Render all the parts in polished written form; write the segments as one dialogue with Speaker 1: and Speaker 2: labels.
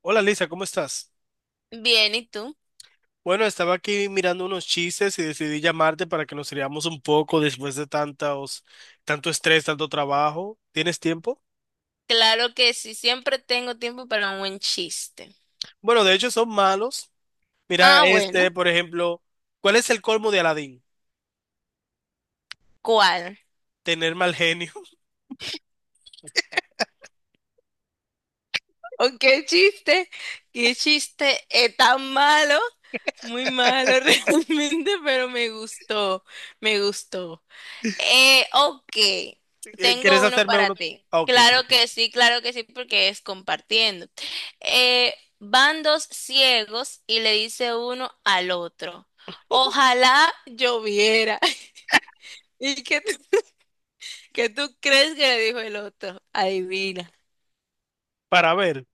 Speaker 1: Hola Lisa, ¿cómo estás?
Speaker 2: Bien, ¿y tú?
Speaker 1: Bueno, estaba aquí mirando unos chistes y decidí llamarte para que nos riamos un poco después de tantos, tanto estrés, tanto trabajo. ¿Tienes tiempo?
Speaker 2: Claro que sí, siempre tengo tiempo para un buen chiste.
Speaker 1: Bueno, de hecho son malos. Mira,
Speaker 2: Ah, bueno,
Speaker 1: este, por ejemplo, ¿cuál es el colmo de Aladín?
Speaker 2: ¿cuál?
Speaker 1: Tener mal genio.
Speaker 2: ¿O qué chiste? ¿Qué chiste es tan malo? Muy malo realmente, pero me gustó, me gustó. Ok,
Speaker 1: ¿Quieres
Speaker 2: tengo uno
Speaker 1: hacerme
Speaker 2: para
Speaker 1: uno?
Speaker 2: ti.
Speaker 1: Ah, ok, perfecto.
Speaker 2: Claro que sí, porque es compartiendo. Eh, Van dos ciegos y le dice uno al otro, ojalá lloviera. ¿Y qué tú, qué tú crees que le dijo el otro? Adivina.
Speaker 1: Para ver.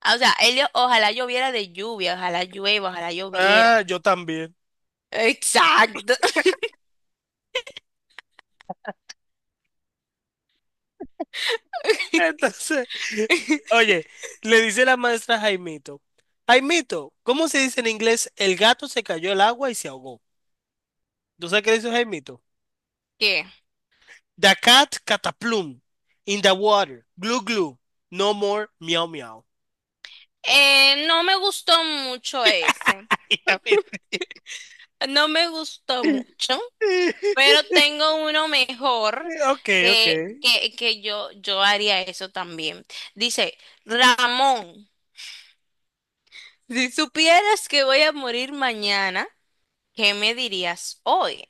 Speaker 2: Ah, o sea, él, dijo, ojalá lloviera de lluvia, ojalá llueva, ojalá lloviera.
Speaker 1: Ah, yo también.
Speaker 2: Exacto.
Speaker 1: Entonces, oye, le dice la maestra a Jaimito, Jaimito, ¿cómo se dice en inglés? El gato se cayó al agua y se ahogó. ¿Tú sabes qué dice Jaimito?
Speaker 2: ¿Qué?
Speaker 1: The cat cataplum in the water. Glue glue. No more miau miau.
Speaker 2: No me gustó mucho ese.
Speaker 1: Y a
Speaker 2: No me gustó mucho, pero tengo uno mejor
Speaker 1: ok, ok.
Speaker 2: que, que yo haría eso también. Dice, Ramón, si supieras que voy a morir mañana, ¿qué me dirías hoy?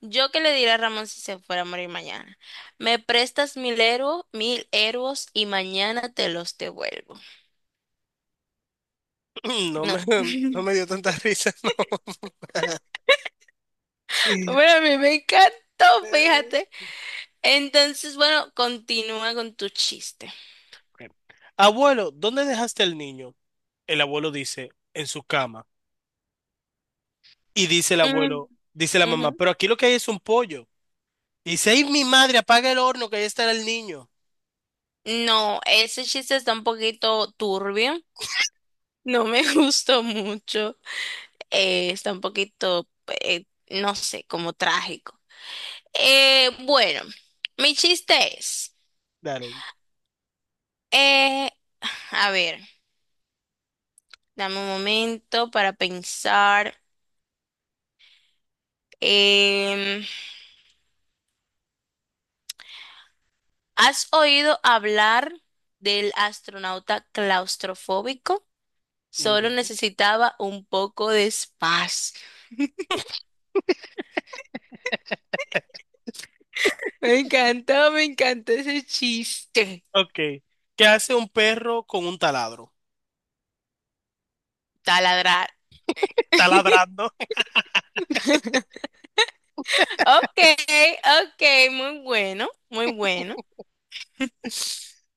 Speaker 2: Yo qué le diré a Ramón si se fuera a morir mañana. Me prestas 1000 euros, 1000 euros y mañana te los devuelvo.
Speaker 1: No
Speaker 2: No.
Speaker 1: me, no me dio tanta risa, no.
Speaker 2: Bueno, a mí me encantó, fíjate. Entonces, bueno, continúa con tu chiste.
Speaker 1: Ok. Abuelo, ¿dónde dejaste al niño? El abuelo dice, en su cama. Y dice el
Speaker 2: Mm,
Speaker 1: abuelo, dice la mamá,
Speaker 2: ujú.
Speaker 1: pero aquí lo que hay es un pollo. Y dice, ay, mi madre, apaga el horno, que ahí estará el niño.
Speaker 2: No, ese chiste está un poquito turbio. No me gustó mucho. Está un poquito, no sé, como trágico. Bueno, mi chiste es,
Speaker 1: Dale.
Speaker 2: eh, a ver. Dame un momento para pensar. Em, ¿Has oído hablar del astronauta claustrofóbico? Solo
Speaker 1: No.
Speaker 2: necesitaba un poco de espacio. Me encantó ese chiste.
Speaker 1: Ok. ¿Qué hace un perro con un taladro?
Speaker 2: Taladrar.
Speaker 1: Taladrando.
Speaker 2: Ok, ok, muy bueno, muy bueno.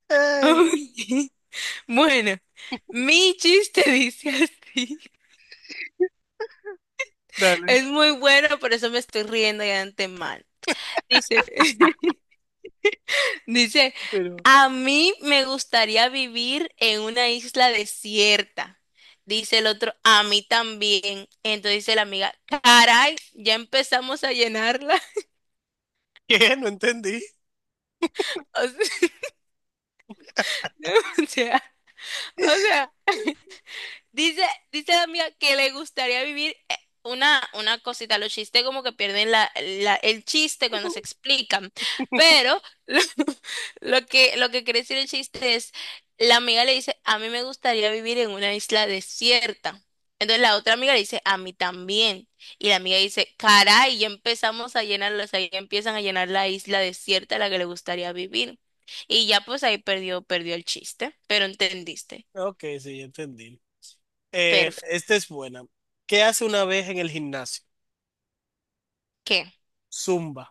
Speaker 1: Ay,
Speaker 2: Bueno, mi chiste dice así.
Speaker 1: dale.
Speaker 2: Es muy bueno, por eso me estoy riendo ya de antemano. Dice, dice,
Speaker 1: Pero...
Speaker 2: a mí me gustaría vivir en una isla desierta. Dice el otro, a mí también. Entonces dice la amiga, caray, ya empezamos a llenarla.
Speaker 1: ¿Qué? No entendí.
Speaker 2: O sea, o sea, o sea. Dice, dice la amiga que le gustaría vivir una cosita. Los chistes como que pierden el chiste cuando se explican. Pero lo, lo que quiere decir el chiste es, la amiga le dice, a mí me gustaría vivir en una isla desierta. Entonces la otra amiga le dice, a mí también. Y la amiga dice, caray, ya empezamos a llenarla, o sea, ya empiezan a llenar la isla desierta a la que le gustaría vivir. Y ya pues ahí perdió, perdió el chiste, pero entendiste.
Speaker 1: Ok, sí, ya entendí.
Speaker 2: Perfecto.
Speaker 1: Esta es buena. ¿Qué hace una vez en el gimnasio?
Speaker 2: ¿Qué?
Speaker 1: Zumba.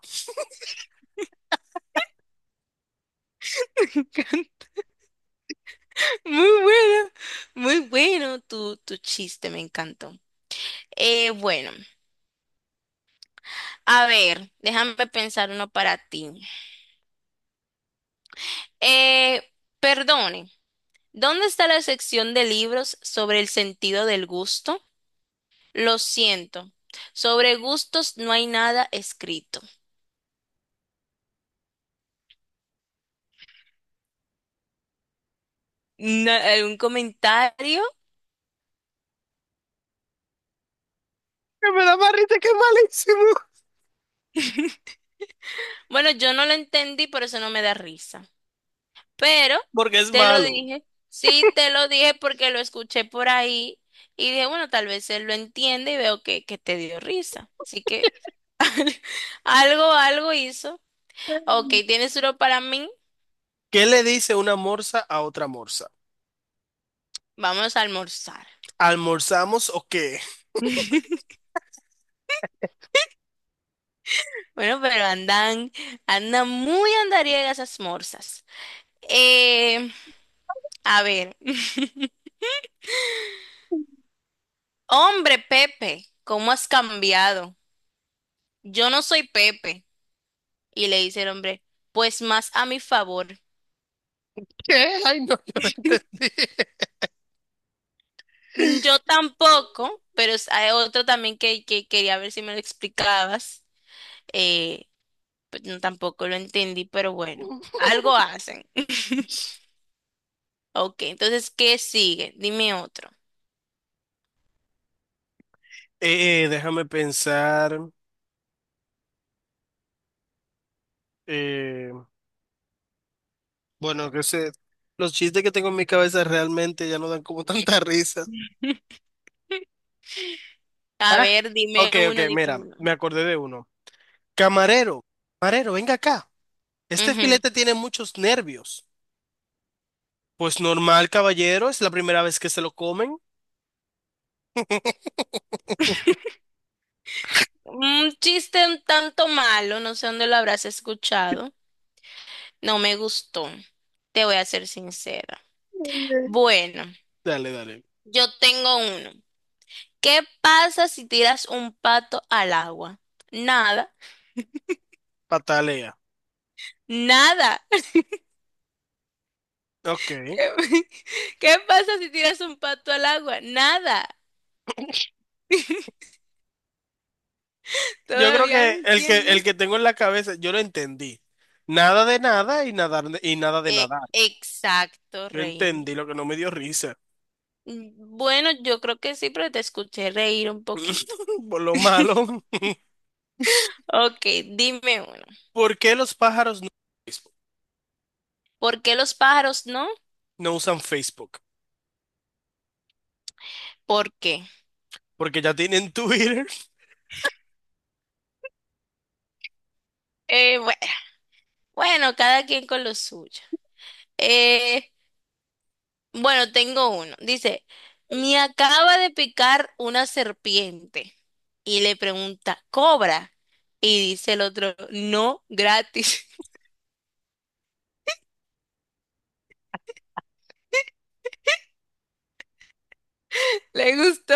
Speaker 2: Muy bueno, muy bueno tu chiste, me encantó. Bueno, a ver, déjame pensar uno para ti. Eh, Perdone, ¿dónde está la sección de libros sobre el sentido del gusto? Lo siento, sobre gustos no hay nada escrito. ¿Algún comentario?
Speaker 1: Que me da más risa que es malísimo.
Speaker 2: Bueno, yo no lo entendí, por eso no me da risa. Pero
Speaker 1: Porque es
Speaker 2: te lo
Speaker 1: malo.
Speaker 2: dije, sí te lo dije porque lo escuché por ahí y dije, bueno, tal vez él lo entiende y veo que te dio risa. Así que algo, algo hizo. Ok, tienes uno para mí,
Speaker 1: ¿Qué le dice una morsa a otra morsa?
Speaker 2: vamos a almorzar.
Speaker 1: ¿Almorzamos o qué?
Speaker 2: Bueno, pero andan, andan muy andariegas esas morsas. Eh, a ver, hombre Pepe, ¿cómo has cambiado? Yo no soy Pepe. Y le dice el hombre, pues más a mi favor.
Speaker 1: ¿Qué? Ay, no, yo no entendí.
Speaker 2: Mm, yo tampoco, pero hay otro también que quería ver si me lo explicabas. Eh, pues no, tampoco lo entendí, pero bueno, algo hacen. Ok, entonces, ¿qué sigue? Dime otro.
Speaker 1: Déjame pensar. eh, bueno, que sé. Los chistes que tengo en mi cabeza realmente ya no dan como tanta risa.
Speaker 2: A
Speaker 1: Ah,
Speaker 2: ver, dime
Speaker 1: ok, ok,
Speaker 2: uno, dime
Speaker 1: mira,
Speaker 2: uno.
Speaker 1: me acordé de uno. Camarero, camarero, venga acá. Este
Speaker 2: Ujú.
Speaker 1: filete tiene muchos nervios. Pues normal, caballero, es la primera vez que se lo comen.
Speaker 2: Un chiste un tanto malo, no sé dónde lo habrás escuchado. No me gustó, te voy a ser sincera. Bueno,
Speaker 1: Dale, dale.
Speaker 2: yo tengo uno. ¿Qué pasa si tiras un pato al agua? Nada.
Speaker 1: Patalea.
Speaker 2: Nada.
Speaker 1: Ok.
Speaker 2: ¿Qué, qué pasa si tiras un pato al agua? Nada.
Speaker 1: Yo creo
Speaker 2: ¿Todavía no
Speaker 1: que el que el
Speaker 2: entiendes?
Speaker 1: que tengo en la cabeza, yo lo entendí. Nada de nada y y nada de nadar.
Speaker 2: Exacto,
Speaker 1: Yo
Speaker 2: Raymond.
Speaker 1: entendí lo que no me dio risa.
Speaker 2: Mm, bueno, yo creo que sí, pero te escuché reír un poquito.
Speaker 1: Por lo malo.
Speaker 2: Ok, dime uno.
Speaker 1: ¿Por qué los pájaros no, usan Facebook?
Speaker 2: ¿Por qué los pájaros no?
Speaker 1: ¿No usan Facebook?
Speaker 2: ¿Por qué?
Speaker 1: Porque ya tienen Twitter.
Speaker 2: Eh, bue- bueno, cada quien con lo suyo. Eh, Bueno, tengo uno. Dice, me acaba de picar una serpiente. Y le pregunta, ¿cobra? Y dice el otro, no, gratis. ¿Le gustó?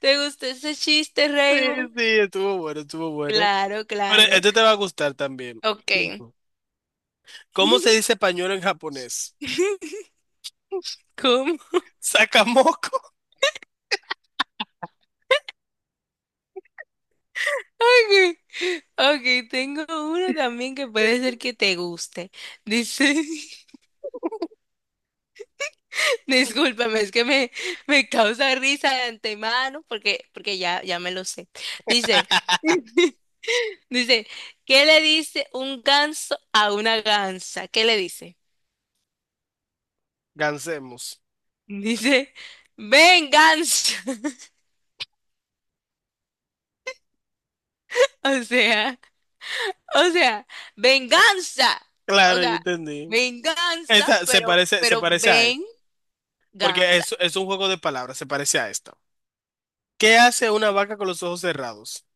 Speaker 2: ¿Te gustó ese chiste,
Speaker 1: Sí,
Speaker 2: Raymond?
Speaker 1: sí, estuvo bueno, estuvo bueno.
Speaker 2: Claro,
Speaker 1: Pero
Speaker 2: claro.
Speaker 1: este te va a gustar también.
Speaker 2: Ok.
Speaker 1: ¿Cómo se dice pañuelo en japonés?
Speaker 2: ¿Cómo?
Speaker 1: Sakamoko.
Speaker 2: Ok, ok, tengo uno también que puede ser que te guste. Dice, discúlpame, es que me, me causa risa de antemano porque, porque ya, ya me lo sé. Dice, dice, ¿qué le dice un ganso a una gansa? ¿Qué le dice?
Speaker 1: Gansemos.
Speaker 2: Dice, venganza. O sea, o sea, venganza. O
Speaker 1: Claro, yo
Speaker 2: sea,
Speaker 1: entendí.
Speaker 2: venganza,
Speaker 1: Esta se
Speaker 2: pero
Speaker 1: parece a esta,
Speaker 2: venganza.
Speaker 1: porque es un juego de palabras, se parece a esta. ¿Qué hace una vaca con los ojos cerrados?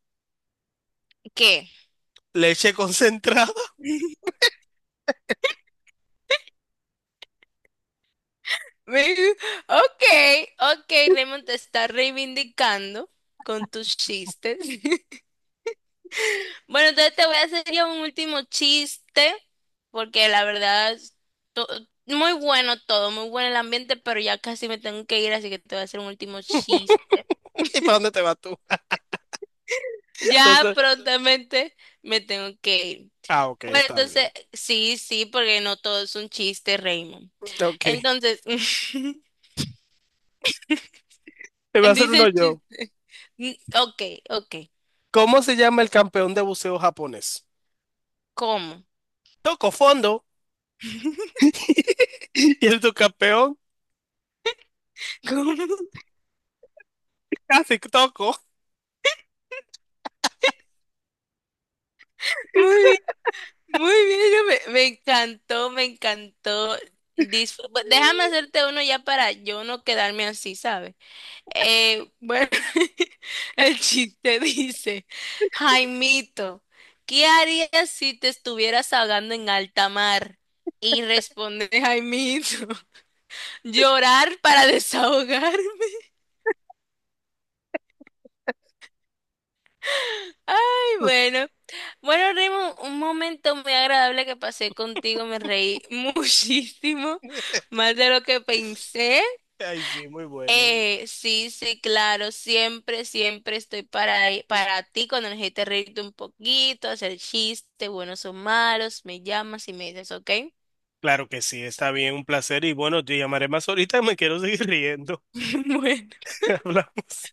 Speaker 2: ¿Qué?
Speaker 1: Leche concentrada.
Speaker 2: Ve- ok, okay, Raymond te está reivindicando con tus chistes. Bueno, entonces te voy a hacer ya un último chiste, porque la verdad, to- muy bueno todo, muy bueno el ambiente, pero ya casi me tengo que ir, así que te voy a hacer un último chiste.
Speaker 1: ¿Y para dónde te vas tú?
Speaker 2: Ya
Speaker 1: Entonces,
Speaker 2: prontamente me tengo que ir.
Speaker 1: ah, ok,
Speaker 2: Bueno,
Speaker 1: está
Speaker 2: entonces,
Speaker 1: bien.
Speaker 2: sí, sí, porque no todo es un chiste, Raymond.
Speaker 1: Ok.
Speaker 2: Entonces, dice
Speaker 1: Te voy a hacer uno
Speaker 2: el
Speaker 1: yo.
Speaker 2: chiste. Mm, ok, ok.
Speaker 1: ¿Cómo se llama el campeón de buceo japonés?
Speaker 2: ¿Cómo?
Speaker 1: Toco fondo. Y el subcampeón
Speaker 2: ¿Cómo?
Speaker 1: casi toco.
Speaker 2: Muy bien, muy bien, yo me, me encantó, me encantó. Déjame hacerte uno ya para yo no quedarme así, ¿sabes? Bueno, el chiste dice, Jaimito, ¿qué harías si te estuvieras ahogando en alta mar? Y responde Jaimito, llorar para desahogarme. Ay, bueno. Bueno, Rimo, un momento muy agradable que pasé contigo. Me reí muchísimo, más de lo que pensé.
Speaker 1: Ay, sí, muy bueno.
Speaker 2: Sí, sí, claro. Siempre, siempre estoy para ti cuando necesites reírte un poquito, hacer chistes, buenos o malos. Me llamas y me dices, ¿ok?
Speaker 1: Claro que sí, está bien, un placer. Y bueno, te llamaré más ahorita, me quiero seguir riendo.
Speaker 2: Bueno.
Speaker 1: Hablamos.